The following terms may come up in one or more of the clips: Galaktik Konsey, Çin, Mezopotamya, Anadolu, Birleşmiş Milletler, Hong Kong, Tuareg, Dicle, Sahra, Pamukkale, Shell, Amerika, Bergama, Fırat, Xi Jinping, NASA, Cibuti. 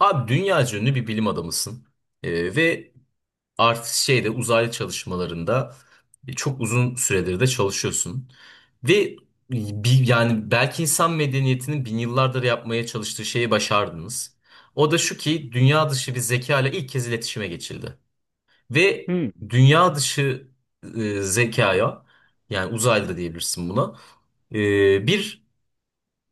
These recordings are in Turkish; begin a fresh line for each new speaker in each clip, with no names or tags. Abi dünya ünlü bir bilim adamısın. Ve artık uzaylı çalışmalarında çok uzun süredir de çalışıyorsun. Ve yani belki insan medeniyetinin bin yıllardır yapmaya çalıştığı şeyi başardınız. O da şu ki dünya dışı bir zeka ile ilk kez iletişime geçildi. Ve
Hmm.
dünya dışı zekaya, yani uzaylı da diyebilirsin buna, bir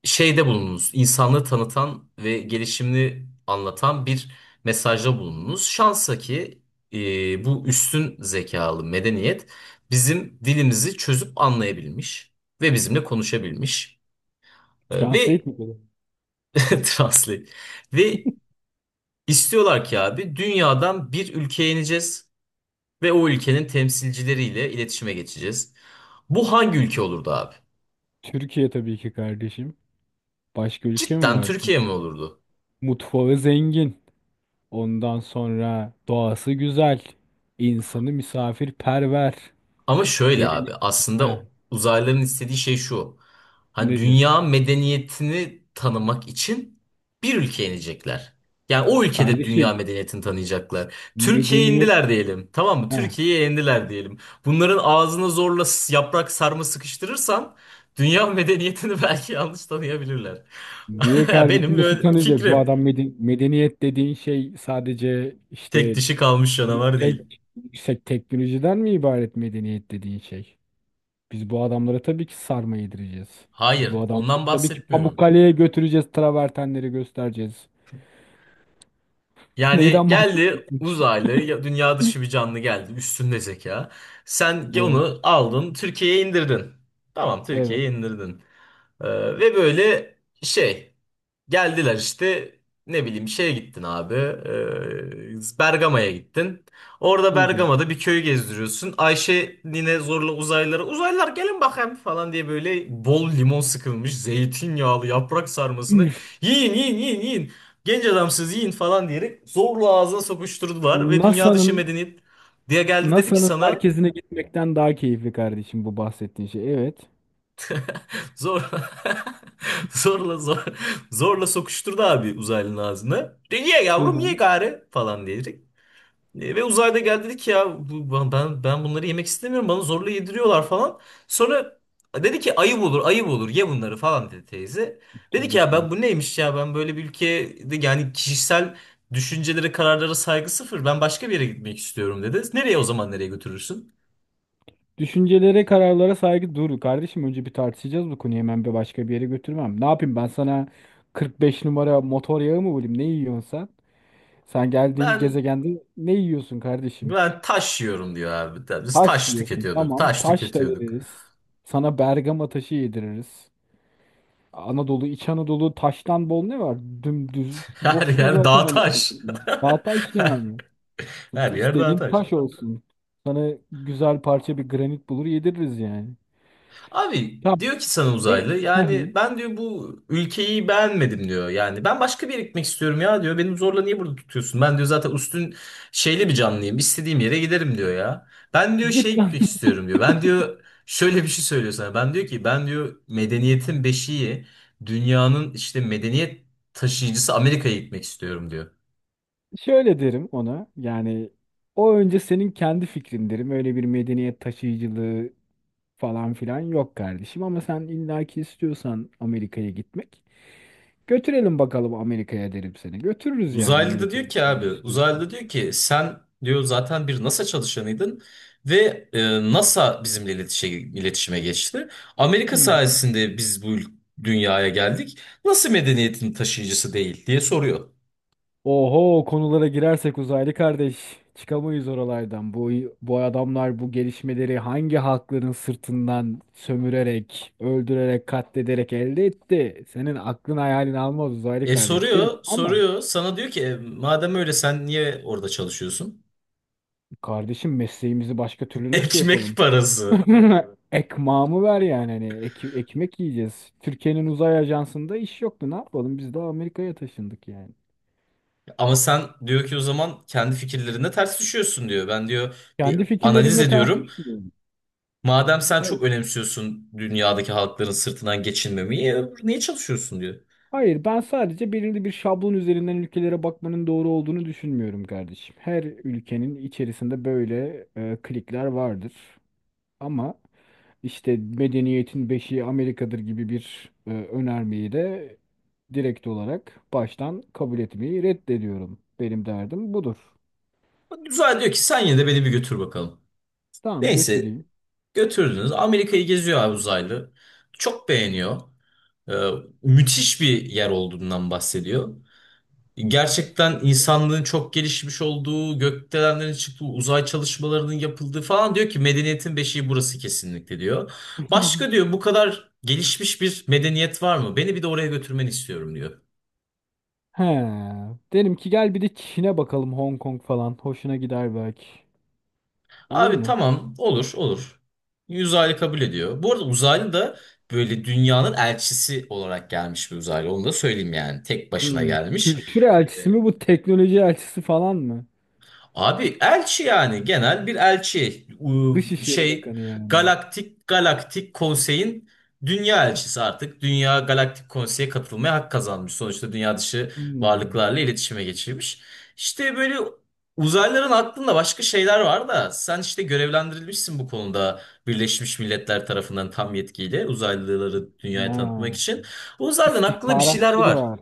bulununuz. İnsanlığı tanıtan ve gelişimini anlatan bir mesajda bulununuz. Şansa ki bu üstün zekalı medeniyet bizim dilimizi çözüp anlayabilmiş ve bizimle konuşabilmiş. E,
Translate
ve
mi dedi?
translate. Ve istiyorlar ki abi dünyadan bir ülkeye ineceğiz ve o ülkenin temsilcileriyle iletişime geçeceğiz. Bu hangi ülke olurdu abi?
Türkiye tabii ki kardeşim. Başka ülke mi
Cidden
var?
Türkiye mi olurdu?
Mutfağı zengin. Ondan sonra doğası güzel. İnsanı misafirperver.
Ama şöyle abi,
Gelenek ha,
aslında uzaylıların istediği şey şu. Hani
nedir?
dünya medeniyetini tanımak için bir ülkeye inecekler. Yani o ülkede dünya
Kardeşim
medeniyetini tanıyacaklar. Türkiye'ye
medeniyet
indiler diyelim. Tamam mı?
ha.
Türkiye'ye indiler diyelim. Bunların ağzına zorla yaprak sarma sıkıştırırsan dünya medeniyetini belki yanlış tanıyabilirler.
Niye
Ya
kardeşim
benim
nasıl
böyle
tanıyacak? Bu
fikrim.
adam medeniyet dediğin şey sadece
Tek
işte
dişi kalmış canavar değil.
tek, yüksek teknolojiden mi ibaret medeniyet dediğin şey? Biz bu adamlara tabii ki sarma yedireceğiz. Biz bu
Hayır,
adamları
ondan
tabii ki
bahsetmiyorum.
Pamukkale'ye götüreceğiz. Travertenleri göstereceğiz.
Yani
Neyden
geldi
bahsediyorsun?
uzaylı, dünya dışı bir canlı geldi, üstünde zeka. Sen
Evet.
onu aldın, Türkiye'ye indirdin. Tamam,
Evet.
Türkiye'ye indirdin. Ee, ve böyle şey geldiler işte, ne bileyim, şeye gittin abi, Bergama'ya gittin. Orada
Hı hı.
Bergama'da bir köyü gezdiriyorsun. Ayşe nine zorla uzaylılara, uzaylılar gelin bakayım falan diye böyle bol limon sıkılmış zeytinyağlı yaprak sarmasını
Üf,
yiyin yiyin yiyin yiyin. Genç adamsız yiyin falan diyerek zorla ağzına sokuşturdular ve dünya dışı medeniyet diye geldi
NASA'nın
dedi ki
NASA'nın
sana
merkezine gitmekten daha keyifli kardeşim bu bahsettiğin şey. Evet.
zor. Zorla zor, zorla sokuşturdu abi uzaylının ağzına. De ye
Hı
yavrum ye
hı.
gari falan diyerek. Ve uzayda geldi dedi ki ya bu, ben bunları yemek istemiyorum, bana zorla yediriyorlar falan. Sonra dedi ki ayıp olur, ayıp olur, ye bunları falan dedi teyze. Dedi ki
Tabii
ya
ki.
ben bu neymiş, ya ben böyle bir ülkede, yani kişisel düşüncelere, kararlara saygı sıfır, ben başka bir yere gitmek istiyorum dedi. Nereye o zaman, nereye götürürsün?
Düşüncelere, kararlara saygı dur kardeşim. Önce bir tartışacağız bu konuyu. Hemen bir başka bir yere götürmem. Ne yapayım ben sana 45 numara motor yağı mı bulayım? Ne yiyorsun sen? Sen geldiğin
Ben
gezegende ne yiyorsun kardeşim?
ben taş yiyorum diyor abi. Biz
Taş
taş
yiyorsun.
tüketiyorduk,
Tamam.
taş
Taş da
tüketiyorduk.
veririz. Sana Bergama taşı yediririz. Anadolu, İç Anadolu taştan bol ne var? Dümdüz.
Her
Bozkır
yer
zaten
dağ
anasını
taş.
satayım. Daha taş yani.
Her
Hiç
yer dağ
dediğin
taş.
taş olsun. Sana güzel parça bir granit bulur yediririz yani.
Abi
Tamam.
diyor ki sana
Ne?
uzaylı,
Hı
yani
hı.
ben diyor bu ülkeyi beğenmedim diyor. Yani ben başka bir yere gitmek istiyorum ya diyor. Benim zorla niye burada tutuyorsun? Ben diyor zaten üstün şeyli bir canlıyım. İstediğim yere giderim diyor ya. Ben diyor şey
Git lan.
gitmek istiyorum diyor. Ben diyor şöyle bir şey söylüyor sana. Ben diyor medeniyetin beşiği, dünyanın işte medeniyet taşıyıcısı Amerika'ya gitmek istiyorum diyor.
Şöyle derim ona. Yani o önce senin kendi fikrin derim. Öyle bir medeniyet taşıyıcılığı falan filan yok kardeşim ama sen illaki istiyorsan Amerika'ya gitmek götürelim bakalım Amerika'ya derim seni. Götürürüz yani
Uzaylı da
Amerika'ya
diyor ki abi,
gitmek
uzaylı
istiyorsan.
da diyor ki sen diyor zaten bir NASA çalışanıydın ve NASA bizimle iletişime geçti. Amerika
Hı hı.
sayesinde biz bu dünyaya geldik. Nasıl medeniyetin taşıyıcısı değil diye soruyor.
Oho konulara girersek uzaylı kardeş çıkamayız oralardan. Bu adamlar bu gelişmeleri hangi halkların sırtından sömürerek, öldürerek, katlederek elde etti? Senin aklın hayalin almaz uzaylı
E
kardeş derim.
soruyor,
Ama
soruyor. Sana diyor ki "E, madem öyle sen niye orada çalışıyorsun?"
kardeşim mesleğimizi başka türlü nasıl
Ekmek
yapalım?
parası.
Ekmağımı ver yani hani ekmek yiyeceğiz. Türkiye'nin uzay ajansında iş yoktu. Ne yapalım? Biz de Amerika'ya taşındık yani.
Ama sen diyor ki o zaman kendi fikirlerine ters düşüyorsun diyor. Ben diyor
Kendi
bir analiz
fikirlerimle ters
ediyorum.
düşünüyorum.
Madem sen
Hayır,
çok önemsiyorsun dünyadaki halkların sırtından geçinmemeyi, niye çalışıyorsun diyor.
hayır, ben sadece belirli bir şablon üzerinden ülkelere bakmanın doğru olduğunu düşünmüyorum kardeşim. Her ülkenin içerisinde böyle klikler vardır. Ama işte medeniyetin beşiği Amerika'dır gibi bir önermeyi de direkt olarak baştan kabul etmeyi reddediyorum. Benim derdim budur.
Uzaylı diyor ki sen yine de beni bir götür bakalım.
Tamam
Neyse
götüreyim.
götürdünüz. Amerika'yı geziyor abi uzaylı. Çok beğeniyor. Ee, Müthiş bir yer olduğundan bahsediyor. Gerçekten insanlığın çok gelişmiş olduğu, gökdelenlerin çıktığı, uzay çalışmalarının yapıldığı falan, diyor ki medeniyetin beşiği burası kesinlikle diyor. Başka diyor bu kadar gelişmiş bir medeniyet var mı? Beni bir de oraya götürmeni istiyorum diyor.
He. Derim ki gel bir de Çin'e bakalım Hong Kong falan. Hoşuna gider belki. Olur
Abi
mu?
tamam, olur olur. Uzaylı kabul ediyor. Bu arada uzaylı da böyle dünyanın elçisi olarak gelmiş bir uzaylı. Onu da söyleyeyim yani. Tek başına
Hmm.
gelmiş.
Kültür elçisi mi bu teknoloji elçisi falan mı?
Abi elçi, yani genel bir elçi,
Dışişleri
şey,
Bakanı yani.
galaktik konseyin dünya elçisi. Artık dünya galaktik konseye katılmaya hak kazanmış, sonuçta dünya dışı
Hmm.
varlıklarla iletişime geçirmiş, işte böyle. Uzaylıların aklında başka şeyler var da, sen işte görevlendirilmişsin bu konuda Birleşmiş Milletler tarafından tam yetkiyle uzaylıları dünyaya tanıtmak
Ha.
için. O uzaylıların aklında bir şeyler
İstihbaratçı da
var,
var.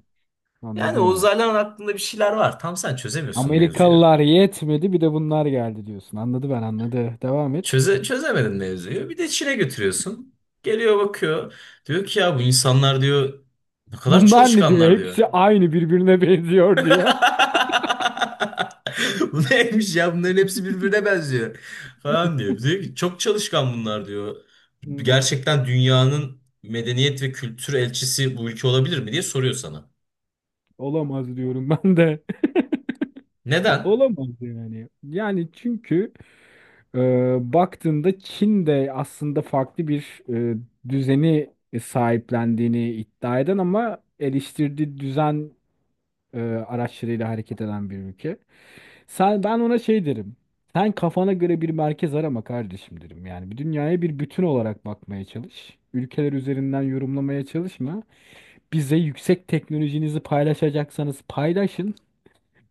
yani o
Anladı.
uzaylıların aklında bir şeyler var, tam sen çözemiyorsun mevzuyu.
Amerikalılar yetmedi bir de bunlar geldi diyorsun. Anladı ben anladı. Devam et.
Çözemedin mevzuyu. Bir de Çin'e götürüyorsun. Geliyor bakıyor. Diyor ki ya bu insanlar diyor ne kadar
Bunlar ne diyor?
çalışkanlar diyor.
Hepsi aynı birbirine benziyor diyor.
Bu neymiş ya, bunların hepsi birbirine benziyor falan diyor. Diyor ki çok çalışkan bunlar diyor.
Hı hı.
Gerçekten dünyanın medeniyet ve kültür elçisi bu ülke olabilir mi diye soruyor sana.
Olamaz diyorum ben de.
Neden?
Olamaz yani. Yani çünkü e, baktığında Çin de aslında farklı bir düzeni sahiplendiğini iddia eden ama eleştirdiği düzen araçlarıyla hareket eden bir ülke. Sen ben ona şey derim. Sen kafana göre bir merkez arama kardeşim derim. Yani bir dünyaya bir bütün olarak bakmaya çalış. Ülkeler üzerinden yorumlamaya çalışma. Bize yüksek teknolojinizi paylaşacaksanız paylaşın.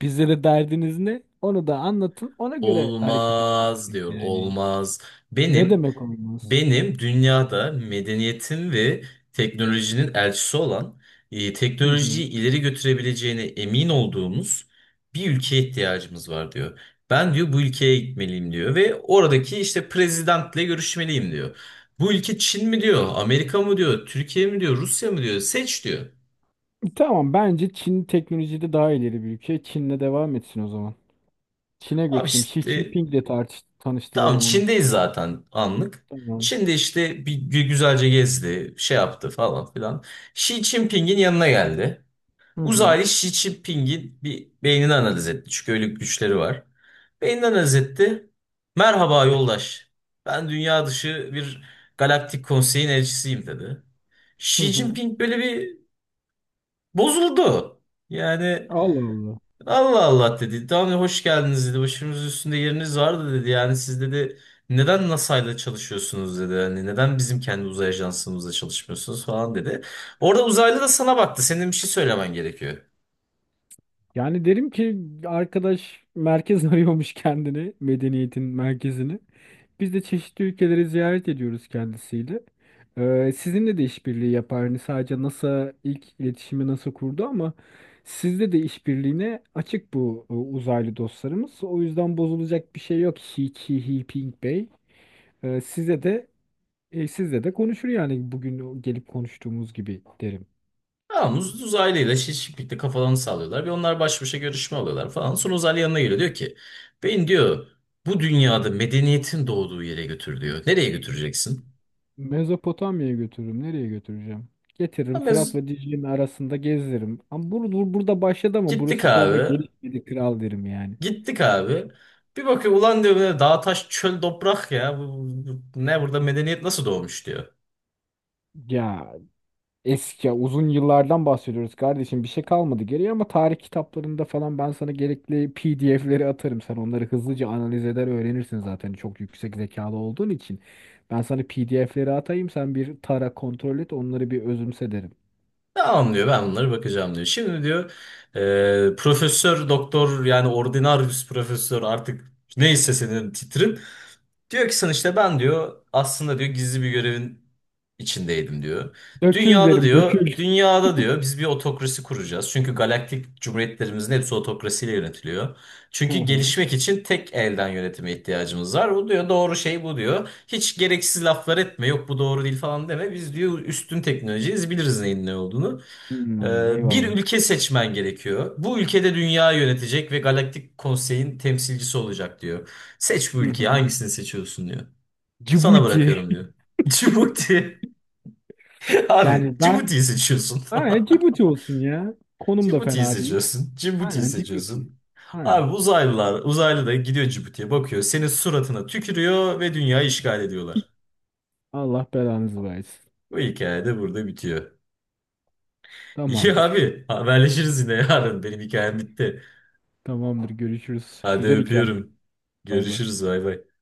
Bize de derdiniz ne? Onu da anlatın. Ona göre hareket
Olmaz
edelim
diyor,
yani.
olmaz.
Ne
Benim
demek olmaz?
Benim dünyada medeniyetin ve teknolojinin elçisi olan,
Hı hı.
teknolojiyi ileri götürebileceğine emin olduğumuz bir ülkeye ihtiyacımız var diyor. Ben diyor bu ülkeye gitmeliyim diyor ve oradaki işte prezidentle görüşmeliyim diyor. Bu ülke Çin mi diyor, Amerika mı diyor, Türkiye mi diyor, Rusya mı diyor, seç diyor.
Tamam bence Çin teknolojide daha ileri bir ülke. Çin'le devam etsin o zaman. Çin'e
Abi
götüreyim. Xi
işte
Jinping'le tartış
tamam,
tanıştıralım onu.
Çin'deyiz zaten anlık.
Tamam.
Çin'de işte bir güzelce gezdi, şey yaptı falan filan. Xi Jinping'in yanına geldi.
Hı hı.
Uzaylı Xi Jinping'in bir beynini analiz etti. Çünkü öyle güçleri var. Beynini analiz etti. Merhaba yoldaş. Ben dünya dışı bir galaktik konseyin elçisiyim dedi.
Hı
Xi
hı.
Jinping böyle bir bozuldu. Yani
Allah Allah.
Allah Allah dedi. Daha önce hoş geldiniz dedi. Başımız üstünde yeriniz vardı dedi. Yani siz dedi neden NASA ile çalışıyorsunuz dedi. Hani neden bizim kendi uzay ajansımızla çalışmıyorsunuz falan dedi. Orada uzaylı da sana baktı. Senin bir şey söylemen gerekiyor.
Yani derim ki arkadaş merkez arıyormuş kendini, medeniyetin merkezini. Biz de çeşitli ülkeleri ziyaret ediyoruz kendisiyle. Sizinle de işbirliği yapar. Hani sadece NASA ilk iletişimi NASA kurdu ama sizde de işbirliğine açık bu uzaylı dostlarımız. O yüzden bozulacak bir şey yok. Hi Ki Hi Ping Bey. Size de sizle de konuşur yani bugün o gelip konuştuğumuz gibi derim.
Tamam, uzaylıyla şiş birlikte kafalarını sallıyorlar ve onlar baş başa görüşme alıyorlar falan. Sonra uzaylı yanına geliyor diyor ki ben diyor bu dünyada medeniyetin doğduğu yere götür diyor. Nereye götüreceksin?
Mezopotamya'ya götürürüm. Nereye götüreceğim? Getiririm
Ama
Fırat
biz
ve Dicle'nin arasında gezdiririm. Ama burada başladı ama
gittik
burası sonra
abi,
gelişmedi kral derim yani.
gittik abi. Bir bakıyor, ulan diyor böyle dağ taş çöl toprak, ya bu, ne burada medeniyet nasıl doğmuş diyor.
Ya eski ya uzun yıllardan bahsediyoruz kardeşim. Bir şey kalmadı geriye ama tarih kitaplarında falan ben sana gerekli PDF'leri atarım. Sen onları hızlıca analiz eder öğrenirsin zaten çok yüksek zekalı olduğun için. Ben sana PDF'leri atayım sen bir tara kontrol et onları bir özümse derim.
Tamam diyor, ben bunları bakacağım diyor. Şimdi diyor profesör doktor, yani ordinarius profesör artık, neyse senin titrin. Diyor ki sana işte ben diyor aslında diyor gizli bir görevin içindeydim diyor.
Dökül derim dökül.
Dünyada diyor biz bir otokrasi kuracağız. Çünkü galaktik cumhuriyetlerimizin hepsi otokrasiyle yönetiliyor.
Hı
Çünkü
hı.
gelişmek için tek elden yönetime ihtiyacımız var. Bu diyor doğru şey, bu diyor. Hiç gereksiz laflar etme, yok bu doğru değil falan deme. Biz diyor üstün teknolojiyiz, biliriz neyin ne olduğunu.
Hmm,
Bir
eyvallah.
ülke seçmen gerekiyor. Bu ülkede dünya yönetecek ve Galaktik Konsey'in temsilcisi olacak diyor. Seç bu
Hı
ülkeyi,
hı.
hangisini seçiyorsun diyor. Sana
Cibuti.
bırakıyorum diyor. Cibuti. Abi
Yani ben
Cibuti'yi seçiyorsun.
aynen Cibuti olsun ya. Konum da
Cibuti'yi
fena değil.
seçiyorsun. Cibuti'yi
Aynen Cibuti.
seçiyorsun.
Aynen.
Abi uzaylı da gidiyor Cibuti'ye bakıyor. Senin suratına tükürüyor ve dünyayı işgal ediyorlar.
Allah belanızı versin.
Bu hikaye de burada bitiyor. İyi
Tamamdır.
abi, haberleşiriz yine yarın. Benim hikayem bitti.
Tamamdır görüşürüz.
Hadi
Güzel hikaye.
öpüyorum.
Bay bay.
Görüşürüz, bay bay.